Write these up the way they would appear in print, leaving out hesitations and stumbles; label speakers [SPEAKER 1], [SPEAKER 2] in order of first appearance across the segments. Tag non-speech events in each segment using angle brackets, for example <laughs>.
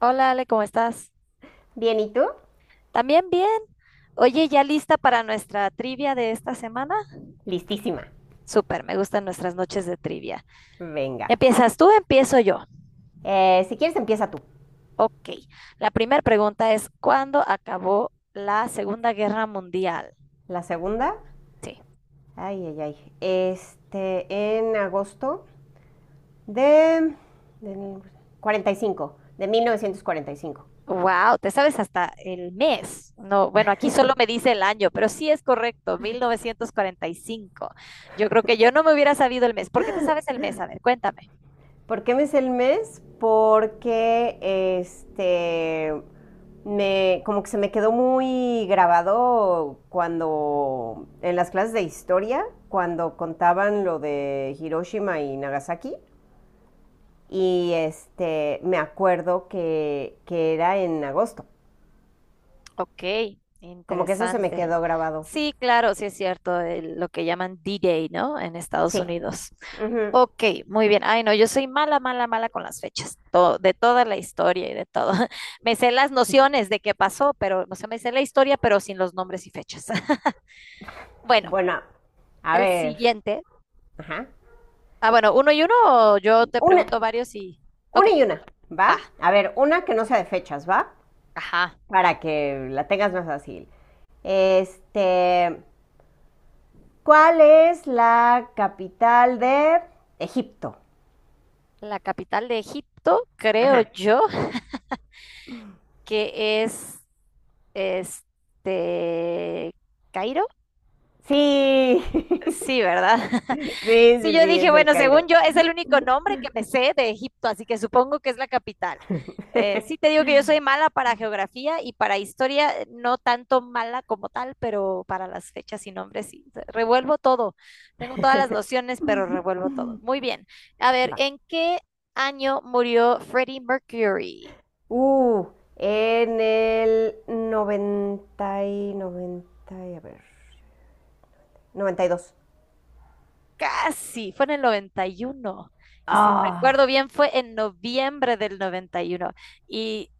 [SPEAKER 1] Hola Ale, ¿cómo estás?
[SPEAKER 2] Bien, ¿y tú?
[SPEAKER 1] También bien. Oye, ¿ya lista para nuestra trivia de esta semana?
[SPEAKER 2] Listísima.
[SPEAKER 1] Súper, me gustan nuestras noches de trivia.
[SPEAKER 2] Venga.
[SPEAKER 1] ¿Empiezas tú? Empiezo yo.
[SPEAKER 2] Si quieres, empieza tú.
[SPEAKER 1] Ok. La primera pregunta es, ¿cuándo acabó la Segunda Guerra Mundial?
[SPEAKER 2] La segunda.
[SPEAKER 1] Sí.
[SPEAKER 2] Ay, ay, ay. Este, en agosto de, de 45, de 1945.
[SPEAKER 1] Wow, te sabes hasta el mes. No, bueno, aquí solo me dice el año, pero sí es correcto, 1945. Yo creo que yo no me hubiera sabido el mes. ¿Por qué te sabes el mes? A ver, cuéntame.
[SPEAKER 2] ¿Por qué me es el mes? Porque este me como que se me quedó muy grabado cuando en las clases de historia, cuando contaban lo de Hiroshima y Nagasaki y este, me acuerdo que era en agosto.
[SPEAKER 1] Ok,
[SPEAKER 2] Como que eso se me
[SPEAKER 1] interesante.
[SPEAKER 2] quedó grabado.
[SPEAKER 1] Sí, claro, sí es cierto, lo que llaman D-Day, ¿no? En Estados
[SPEAKER 2] Sí.
[SPEAKER 1] Unidos.
[SPEAKER 2] Ujú.
[SPEAKER 1] Ok, muy bien. Ay, no, yo soy mala, mala, mala con las fechas, de toda la historia y de todo. <laughs> Me sé las nociones de qué pasó, pero, o sea, me sé la historia, pero sin los nombres y fechas. <laughs> Bueno,
[SPEAKER 2] Bueno, a
[SPEAKER 1] el
[SPEAKER 2] ver.
[SPEAKER 1] siguiente.
[SPEAKER 2] Ajá.
[SPEAKER 1] Bueno, uno y uno, o yo te
[SPEAKER 2] Una,
[SPEAKER 1] pregunto varios y... Ok,
[SPEAKER 2] una y una, ¿va?
[SPEAKER 1] va.
[SPEAKER 2] A ver, una que no sea de fechas, ¿va?
[SPEAKER 1] Ajá.
[SPEAKER 2] Para que la tengas más fácil. Este, ¿cuál es la capital de Egipto?
[SPEAKER 1] La capital de Egipto, creo
[SPEAKER 2] Ajá.
[SPEAKER 1] yo, que es Este, Cairo,
[SPEAKER 2] Sí. <laughs>
[SPEAKER 1] sí, ¿verdad? <laughs>
[SPEAKER 2] Sí,
[SPEAKER 1] Sí,
[SPEAKER 2] sí,
[SPEAKER 1] yo
[SPEAKER 2] sí,
[SPEAKER 1] dije,
[SPEAKER 2] es el
[SPEAKER 1] bueno,
[SPEAKER 2] Cairo.
[SPEAKER 1] según yo, es el único nombre que me sé de Egipto, así que supongo que es la capital. Sí, te
[SPEAKER 2] <laughs>
[SPEAKER 1] digo que yo soy mala para geografía y para historia, no tanto mala como tal, pero para las fechas y nombres sí. Revuelvo todo. Tengo todas las nociones, pero revuelvo todo. Muy bien. A ver,
[SPEAKER 2] Va.
[SPEAKER 1] ¿en qué año murió Freddie Mercury?
[SPEAKER 2] Uh, en el 90 y 90 y a ver, 92.
[SPEAKER 1] Casi, fue en el 91, y si recuerdo
[SPEAKER 2] Ah,
[SPEAKER 1] bien, fue en noviembre del noventa uno, y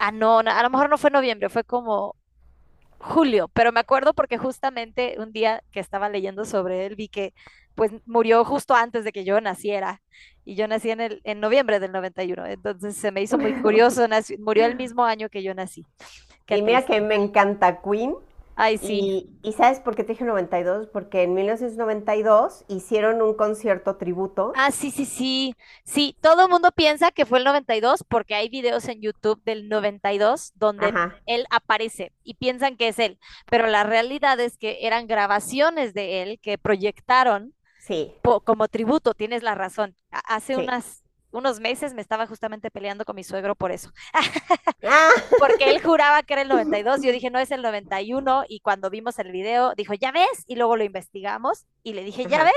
[SPEAKER 1] no, no, a lo mejor no fue noviembre, fue como julio, pero me acuerdo porque justamente un día que estaba leyendo sobre él, vi que pues murió justo antes de que yo naciera. Y yo nací en noviembre del 91. Entonces se me hizo muy curioso,
[SPEAKER 2] <laughs>
[SPEAKER 1] murió el mismo año que yo nací. Qué
[SPEAKER 2] y mira
[SPEAKER 1] triste.
[SPEAKER 2] que me encanta Queen.
[SPEAKER 1] Ay, sí.
[SPEAKER 2] Y ¿sabes por qué te dije 92? Porque en 1992 hicieron un concierto tributo.
[SPEAKER 1] Sí, sí, sí. Sí, todo el mundo piensa que fue el 92 porque hay videos en YouTube del 92 donde
[SPEAKER 2] Ajá,
[SPEAKER 1] él aparece y piensan que es él, pero la realidad es que eran grabaciones de él que proyectaron
[SPEAKER 2] sí,
[SPEAKER 1] como tributo, tienes la razón. Hace
[SPEAKER 2] sí.
[SPEAKER 1] unos meses me estaba justamente peleando con mi suegro por eso. <laughs>
[SPEAKER 2] Ah,
[SPEAKER 1] Porque él juraba que era el 92, yo dije, no es el 91, y uno, y cuando vimos el video, dijo, ya ves, y luego lo investigamos, y le
[SPEAKER 2] <laughs>
[SPEAKER 1] dije, ya
[SPEAKER 2] ajá,
[SPEAKER 1] ves,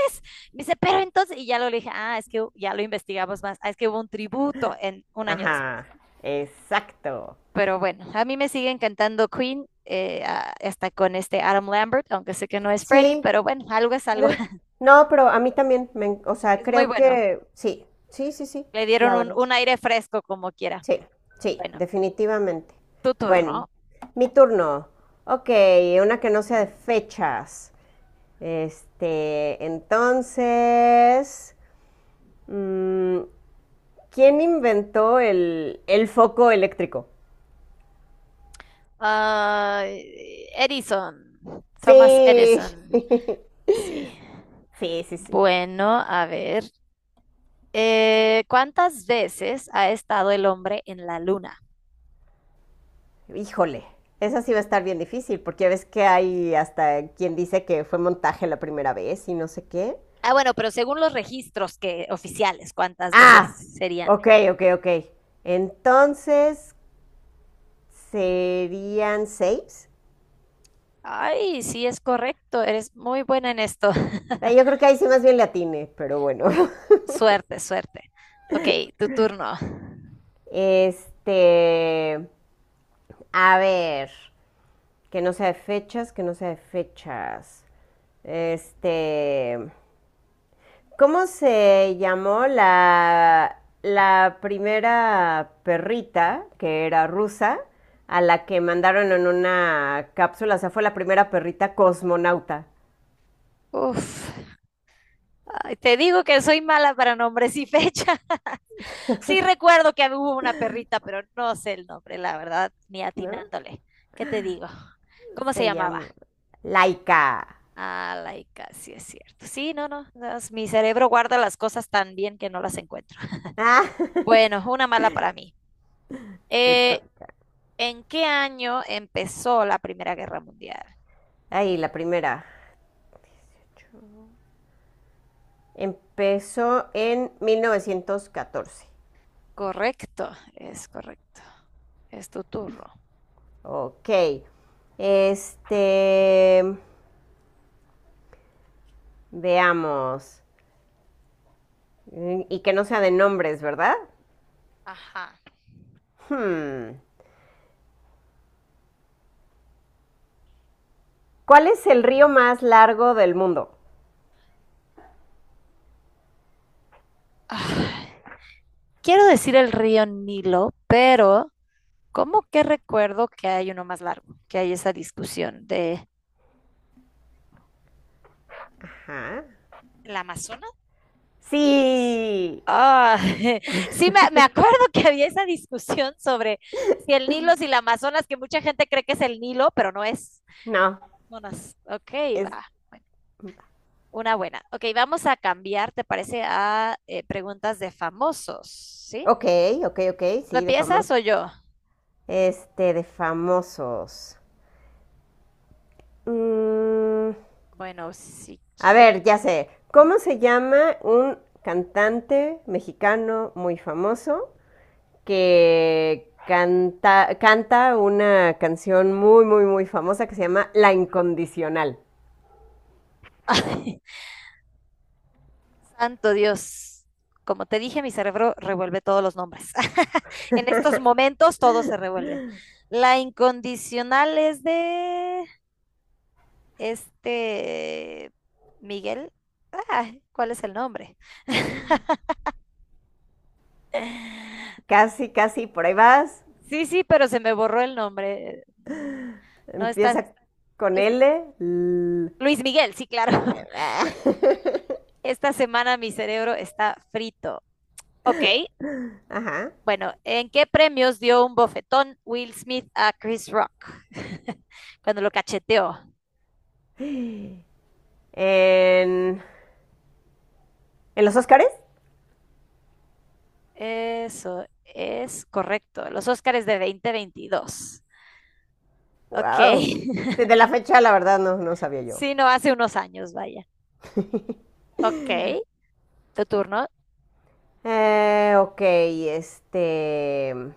[SPEAKER 1] me dice, pero entonces, y ya lo le dije, es que ya lo investigamos más, es que hubo un tributo en un año después.
[SPEAKER 2] ajá, exacto.
[SPEAKER 1] Pero bueno, a mí me sigue encantando Queen, hasta con este Adam Lambert, aunque sé que no es Freddie,
[SPEAKER 2] Sí,
[SPEAKER 1] pero bueno, algo es algo.
[SPEAKER 2] no,
[SPEAKER 1] <laughs>
[SPEAKER 2] no, pero a mí también, me o sea,
[SPEAKER 1] Es muy
[SPEAKER 2] creo
[SPEAKER 1] bueno,
[SPEAKER 2] que sí, sí, sí, sí,
[SPEAKER 1] le dieron
[SPEAKER 2] la
[SPEAKER 1] un,
[SPEAKER 2] verdad.
[SPEAKER 1] un aire fresco como quiera.
[SPEAKER 2] Sí, sí,
[SPEAKER 1] Bueno,
[SPEAKER 2] definitivamente.
[SPEAKER 1] tu turno.
[SPEAKER 2] Bueno, mi turno. Ok, una que no sea de fechas. Este, entonces, mm, ¿quién inventó el foco eléctrico?
[SPEAKER 1] Uh, Edison, Thomas
[SPEAKER 2] Sí,
[SPEAKER 1] Edison.
[SPEAKER 2] <laughs>
[SPEAKER 1] Sí.
[SPEAKER 2] sí, sí, sí.
[SPEAKER 1] Bueno, a ver. ¿Cuántas veces ha estado el hombre en la luna?
[SPEAKER 2] Híjole, esa sí va a estar bien difícil, porque ya ves que hay hasta quien dice que fue montaje la primera vez y no sé qué.
[SPEAKER 1] Bueno, pero según los registros que oficiales, ¿cuántas
[SPEAKER 2] Ah,
[SPEAKER 1] veces serían?
[SPEAKER 2] ok, ok, ok. Entonces, serían seis.
[SPEAKER 1] Ay, sí es correcto. Eres muy buena en esto.
[SPEAKER 2] Yo
[SPEAKER 1] <laughs>
[SPEAKER 2] creo que ahí sí más bien le atine, pero bueno. <laughs>
[SPEAKER 1] Suerte, suerte. Ok, tu turno.
[SPEAKER 2] Este, a ver, que no sea de fechas, que no sea de fechas. Este, ¿cómo se llamó la primera perrita que era rusa? A la que mandaron en una cápsula, o sea, fue la primera perrita cosmonauta,
[SPEAKER 1] Uf. Ay, te digo que soy mala para nombres y fecha. <laughs> Sí recuerdo que hubo una perrita, pero no sé el nombre, la verdad, ni
[SPEAKER 2] ¿no?
[SPEAKER 1] atinándole. ¿Qué te digo? ¿Cómo se
[SPEAKER 2] Se
[SPEAKER 1] llamaba?
[SPEAKER 2] llama Laika.
[SPEAKER 1] Ah, laica, sí es cierto. Sí, no, no, mi cerebro guarda las cosas tan bien que no las encuentro.
[SPEAKER 2] <laughs>
[SPEAKER 1] <laughs>
[SPEAKER 2] Ah,
[SPEAKER 1] Bueno, una mala para mí.
[SPEAKER 2] te
[SPEAKER 1] Eh,
[SPEAKER 2] to-
[SPEAKER 1] ¿En qué año empezó la Primera Guerra Mundial?
[SPEAKER 2] ahí, la primera. Empezó en 1914.
[SPEAKER 1] Correcto. Es tu turno.
[SPEAKER 2] Ok. Este. Veamos. Y que no sea de nombres, ¿verdad?
[SPEAKER 1] Ajá.
[SPEAKER 2] Hmm. ¿Cuál es el río más largo del mundo?
[SPEAKER 1] Ah, Quiero decir el río Nilo, pero como que recuerdo que hay uno más largo, que hay esa discusión de...
[SPEAKER 2] Ajá.
[SPEAKER 1] ¿El Amazonas?
[SPEAKER 2] Sí.
[SPEAKER 1] Ah, <laughs> sí, me acuerdo que había esa discusión sobre si el Nilo, si la Amazonas, que mucha gente cree que es el Nilo, pero no es
[SPEAKER 2] No.
[SPEAKER 1] Amazonas. Ok,
[SPEAKER 2] Es.
[SPEAKER 1] va. Una buena. Ok, vamos a cambiar, ¿te parece? A preguntas de famosos, ¿sí?
[SPEAKER 2] Ok, ok, ok.
[SPEAKER 1] ¿Lo
[SPEAKER 2] Sí, de
[SPEAKER 1] empiezas
[SPEAKER 2] famosos.
[SPEAKER 1] o yo?
[SPEAKER 2] Este, de famosos. Mm,
[SPEAKER 1] Bueno, si
[SPEAKER 2] A
[SPEAKER 1] quieres.
[SPEAKER 2] ver, ya sé.
[SPEAKER 1] Ujú.
[SPEAKER 2] ¿Cómo se llama un cantante mexicano muy famoso que canta una canción muy, muy, muy famosa que se llama La Incondicional?
[SPEAKER 1] <laughs> Santo Dios. Como te dije, mi cerebro revuelve todos los nombres. <laughs> En estos momentos todo se revuelve. La incondicional es de... Este, Miguel, ¿cuál es el nombre? <laughs>
[SPEAKER 2] Casi, casi, por ahí vas.
[SPEAKER 1] Sí, sí, pero se me borró el nombre. No está,
[SPEAKER 2] Empieza con
[SPEAKER 1] es
[SPEAKER 2] L. L.
[SPEAKER 1] Luis Miguel, sí, claro. <laughs>
[SPEAKER 2] <laughs>
[SPEAKER 1] Esta semana mi cerebro está frito. Ok,
[SPEAKER 2] Ajá.
[SPEAKER 1] bueno, ¿en qué premios dio un bofetón Will Smith a Chris Rock, <laughs> cuando lo cacheteó?
[SPEAKER 2] En, ¿En los Óscares?
[SPEAKER 1] Eso es correcto, los Óscares de 2022. Ok,
[SPEAKER 2] Wow. Sí, de la fecha, la verdad, no, no sabía
[SPEAKER 1] <laughs>
[SPEAKER 2] yo.
[SPEAKER 1] sí, no hace unos años, vaya. Ok. Tu turno.
[SPEAKER 2] Ok, este.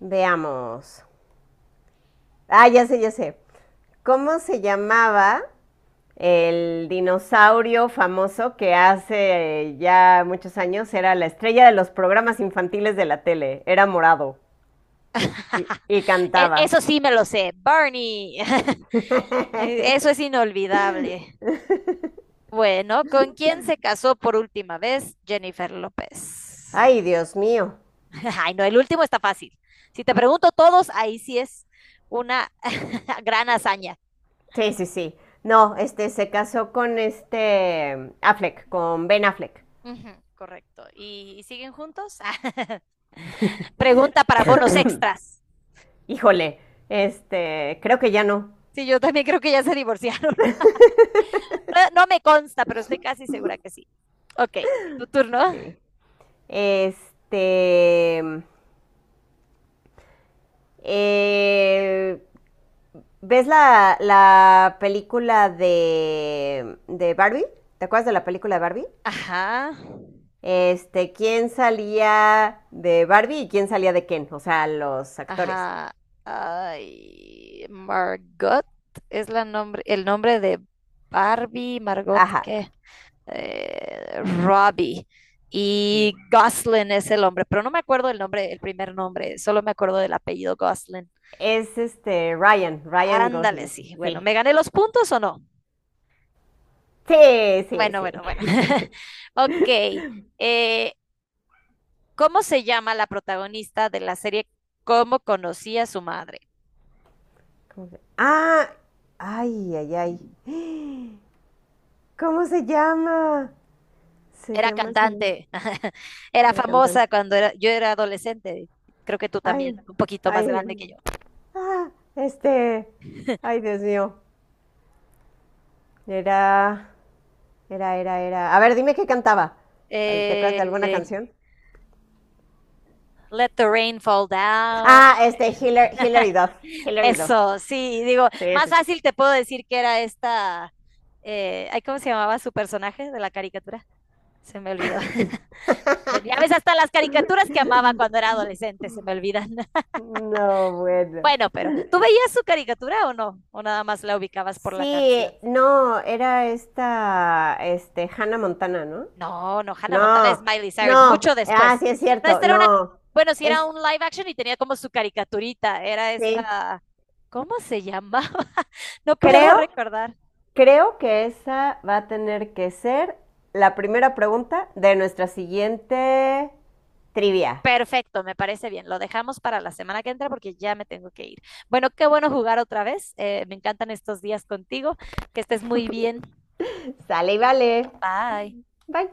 [SPEAKER 2] Veamos. Ah, ya sé, ya sé. ¿Cómo se llamaba el dinosaurio famoso que hace ya muchos años era la estrella de los programas infantiles de la tele? Era morado y,
[SPEAKER 1] <laughs>
[SPEAKER 2] y cantaba.
[SPEAKER 1] Eso sí me lo sé. Barney. <laughs> Eso es
[SPEAKER 2] <laughs>
[SPEAKER 1] inolvidable. Bueno, ¿con quién se casó por última vez Jennifer López?
[SPEAKER 2] Ay, Dios mío.
[SPEAKER 1] <laughs> Ay, no, el último está fácil. Si te pregunto todos, ahí sí es una <laughs> gran hazaña.
[SPEAKER 2] Sí, sí, sí. No, este se casó con este Affleck, con Ben Affleck.
[SPEAKER 1] Ujú, correcto. ¿Y siguen juntos? <laughs> Pregunta para bonos extras.
[SPEAKER 2] Híjole, este, creo que ya no.
[SPEAKER 1] Sí, yo también creo que ya se divorciaron. <laughs> No, no me consta, pero estoy casi segura que sí. Ok, tu turno.
[SPEAKER 2] Ok. Este, eh, ¿ves la película de Barbie? ¿Te acuerdas de la película de Barbie?
[SPEAKER 1] Ajá.
[SPEAKER 2] Este, ¿quién salía de Barbie y quién salía de Ken? O sea, los actores.
[SPEAKER 1] Ajá. Ay, Margot es el nombre de Barbie, Margot,
[SPEAKER 2] Ajá.
[SPEAKER 1] ¿qué? Robbie. Y Goslin es el hombre, pero no me acuerdo el nombre, el primer nombre, solo me acuerdo del apellido Goslin.
[SPEAKER 2] Es este Ryan,
[SPEAKER 1] Ándale,
[SPEAKER 2] Gosling.
[SPEAKER 1] sí. Bueno,
[SPEAKER 2] Sí.
[SPEAKER 1] ¿me gané los puntos o no?
[SPEAKER 2] Sí, sí,
[SPEAKER 1] Bueno,
[SPEAKER 2] sí.
[SPEAKER 1] bueno, bueno.
[SPEAKER 2] <laughs>
[SPEAKER 1] <laughs> Ok. eh, ¿Cómo se llama la protagonista de la serie Cómo conocí a su madre?
[SPEAKER 2] Ah, ay, ay, ay. ¿Cómo se llama? Se
[SPEAKER 1] Era
[SPEAKER 2] llama, se llama.
[SPEAKER 1] cantante, <laughs> era
[SPEAKER 2] Era
[SPEAKER 1] famosa
[SPEAKER 2] cantante.
[SPEAKER 1] cuando yo era adolescente, creo que tú
[SPEAKER 2] Ay,
[SPEAKER 1] también, un poquito más grande
[SPEAKER 2] ay.
[SPEAKER 1] que yo.
[SPEAKER 2] Ah, este. Ay, Dios mío. Era, era. A ver, dime qué cantaba. ¿Te acuerdas de alguna
[SPEAKER 1] Eh,
[SPEAKER 2] canción?
[SPEAKER 1] Let the Rain Fall Down.
[SPEAKER 2] Ah, este,
[SPEAKER 1] <laughs>
[SPEAKER 2] Hillary Duff. Hillary Duff.
[SPEAKER 1] Eso, sí, digo,
[SPEAKER 2] Sí,
[SPEAKER 1] más
[SPEAKER 2] sí, sí.
[SPEAKER 1] fácil te puedo decir que era esta, ¿cómo se llamaba su personaje de la caricatura? Se me olvidó. <laughs> Bueno, ya ves, hasta las caricaturas que amaba cuando era adolescente se me olvidan. <laughs>
[SPEAKER 2] No, bueno.
[SPEAKER 1] Bueno, pero ¿tú veías su caricatura o no? ¿O nada más la ubicabas por la
[SPEAKER 2] Sí,
[SPEAKER 1] canción?
[SPEAKER 2] no, era esta, este, Hannah Montana, ¿no?
[SPEAKER 1] No, no, Hannah Montana es
[SPEAKER 2] No,
[SPEAKER 1] Miley Cyrus,
[SPEAKER 2] no.
[SPEAKER 1] mucho
[SPEAKER 2] Ah,
[SPEAKER 1] después.
[SPEAKER 2] sí es
[SPEAKER 1] No,
[SPEAKER 2] cierto.
[SPEAKER 1] esta era una,
[SPEAKER 2] No.
[SPEAKER 1] bueno, sí era
[SPEAKER 2] Es,
[SPEAKER 1] un live action y tenía como su caricaturita, era
[SPEAKER 2] sí.
[SPEAKER 1] esta, ¿cómo se llamaba? <laughs> No puedo
[SPEAKER 2] Creo,
[SPEAKER 1] recordar.
[SPEAKER 2] creo que esa va a tener que ser la primera pregunta de nuestra siguiente trivia.
[SPEAKER 1] Perfecto, me parece bien. Lo dejamos para la semana que entra porque ya me tengo que ir. Bueno, qué bueno jugar otra vez. Me encantan estos días contigo. Que estés muy bien.
[SPEAKER 2] Sale y vale.
[SPEAKER 1] Bye.
[SPEAKER 2] Bye.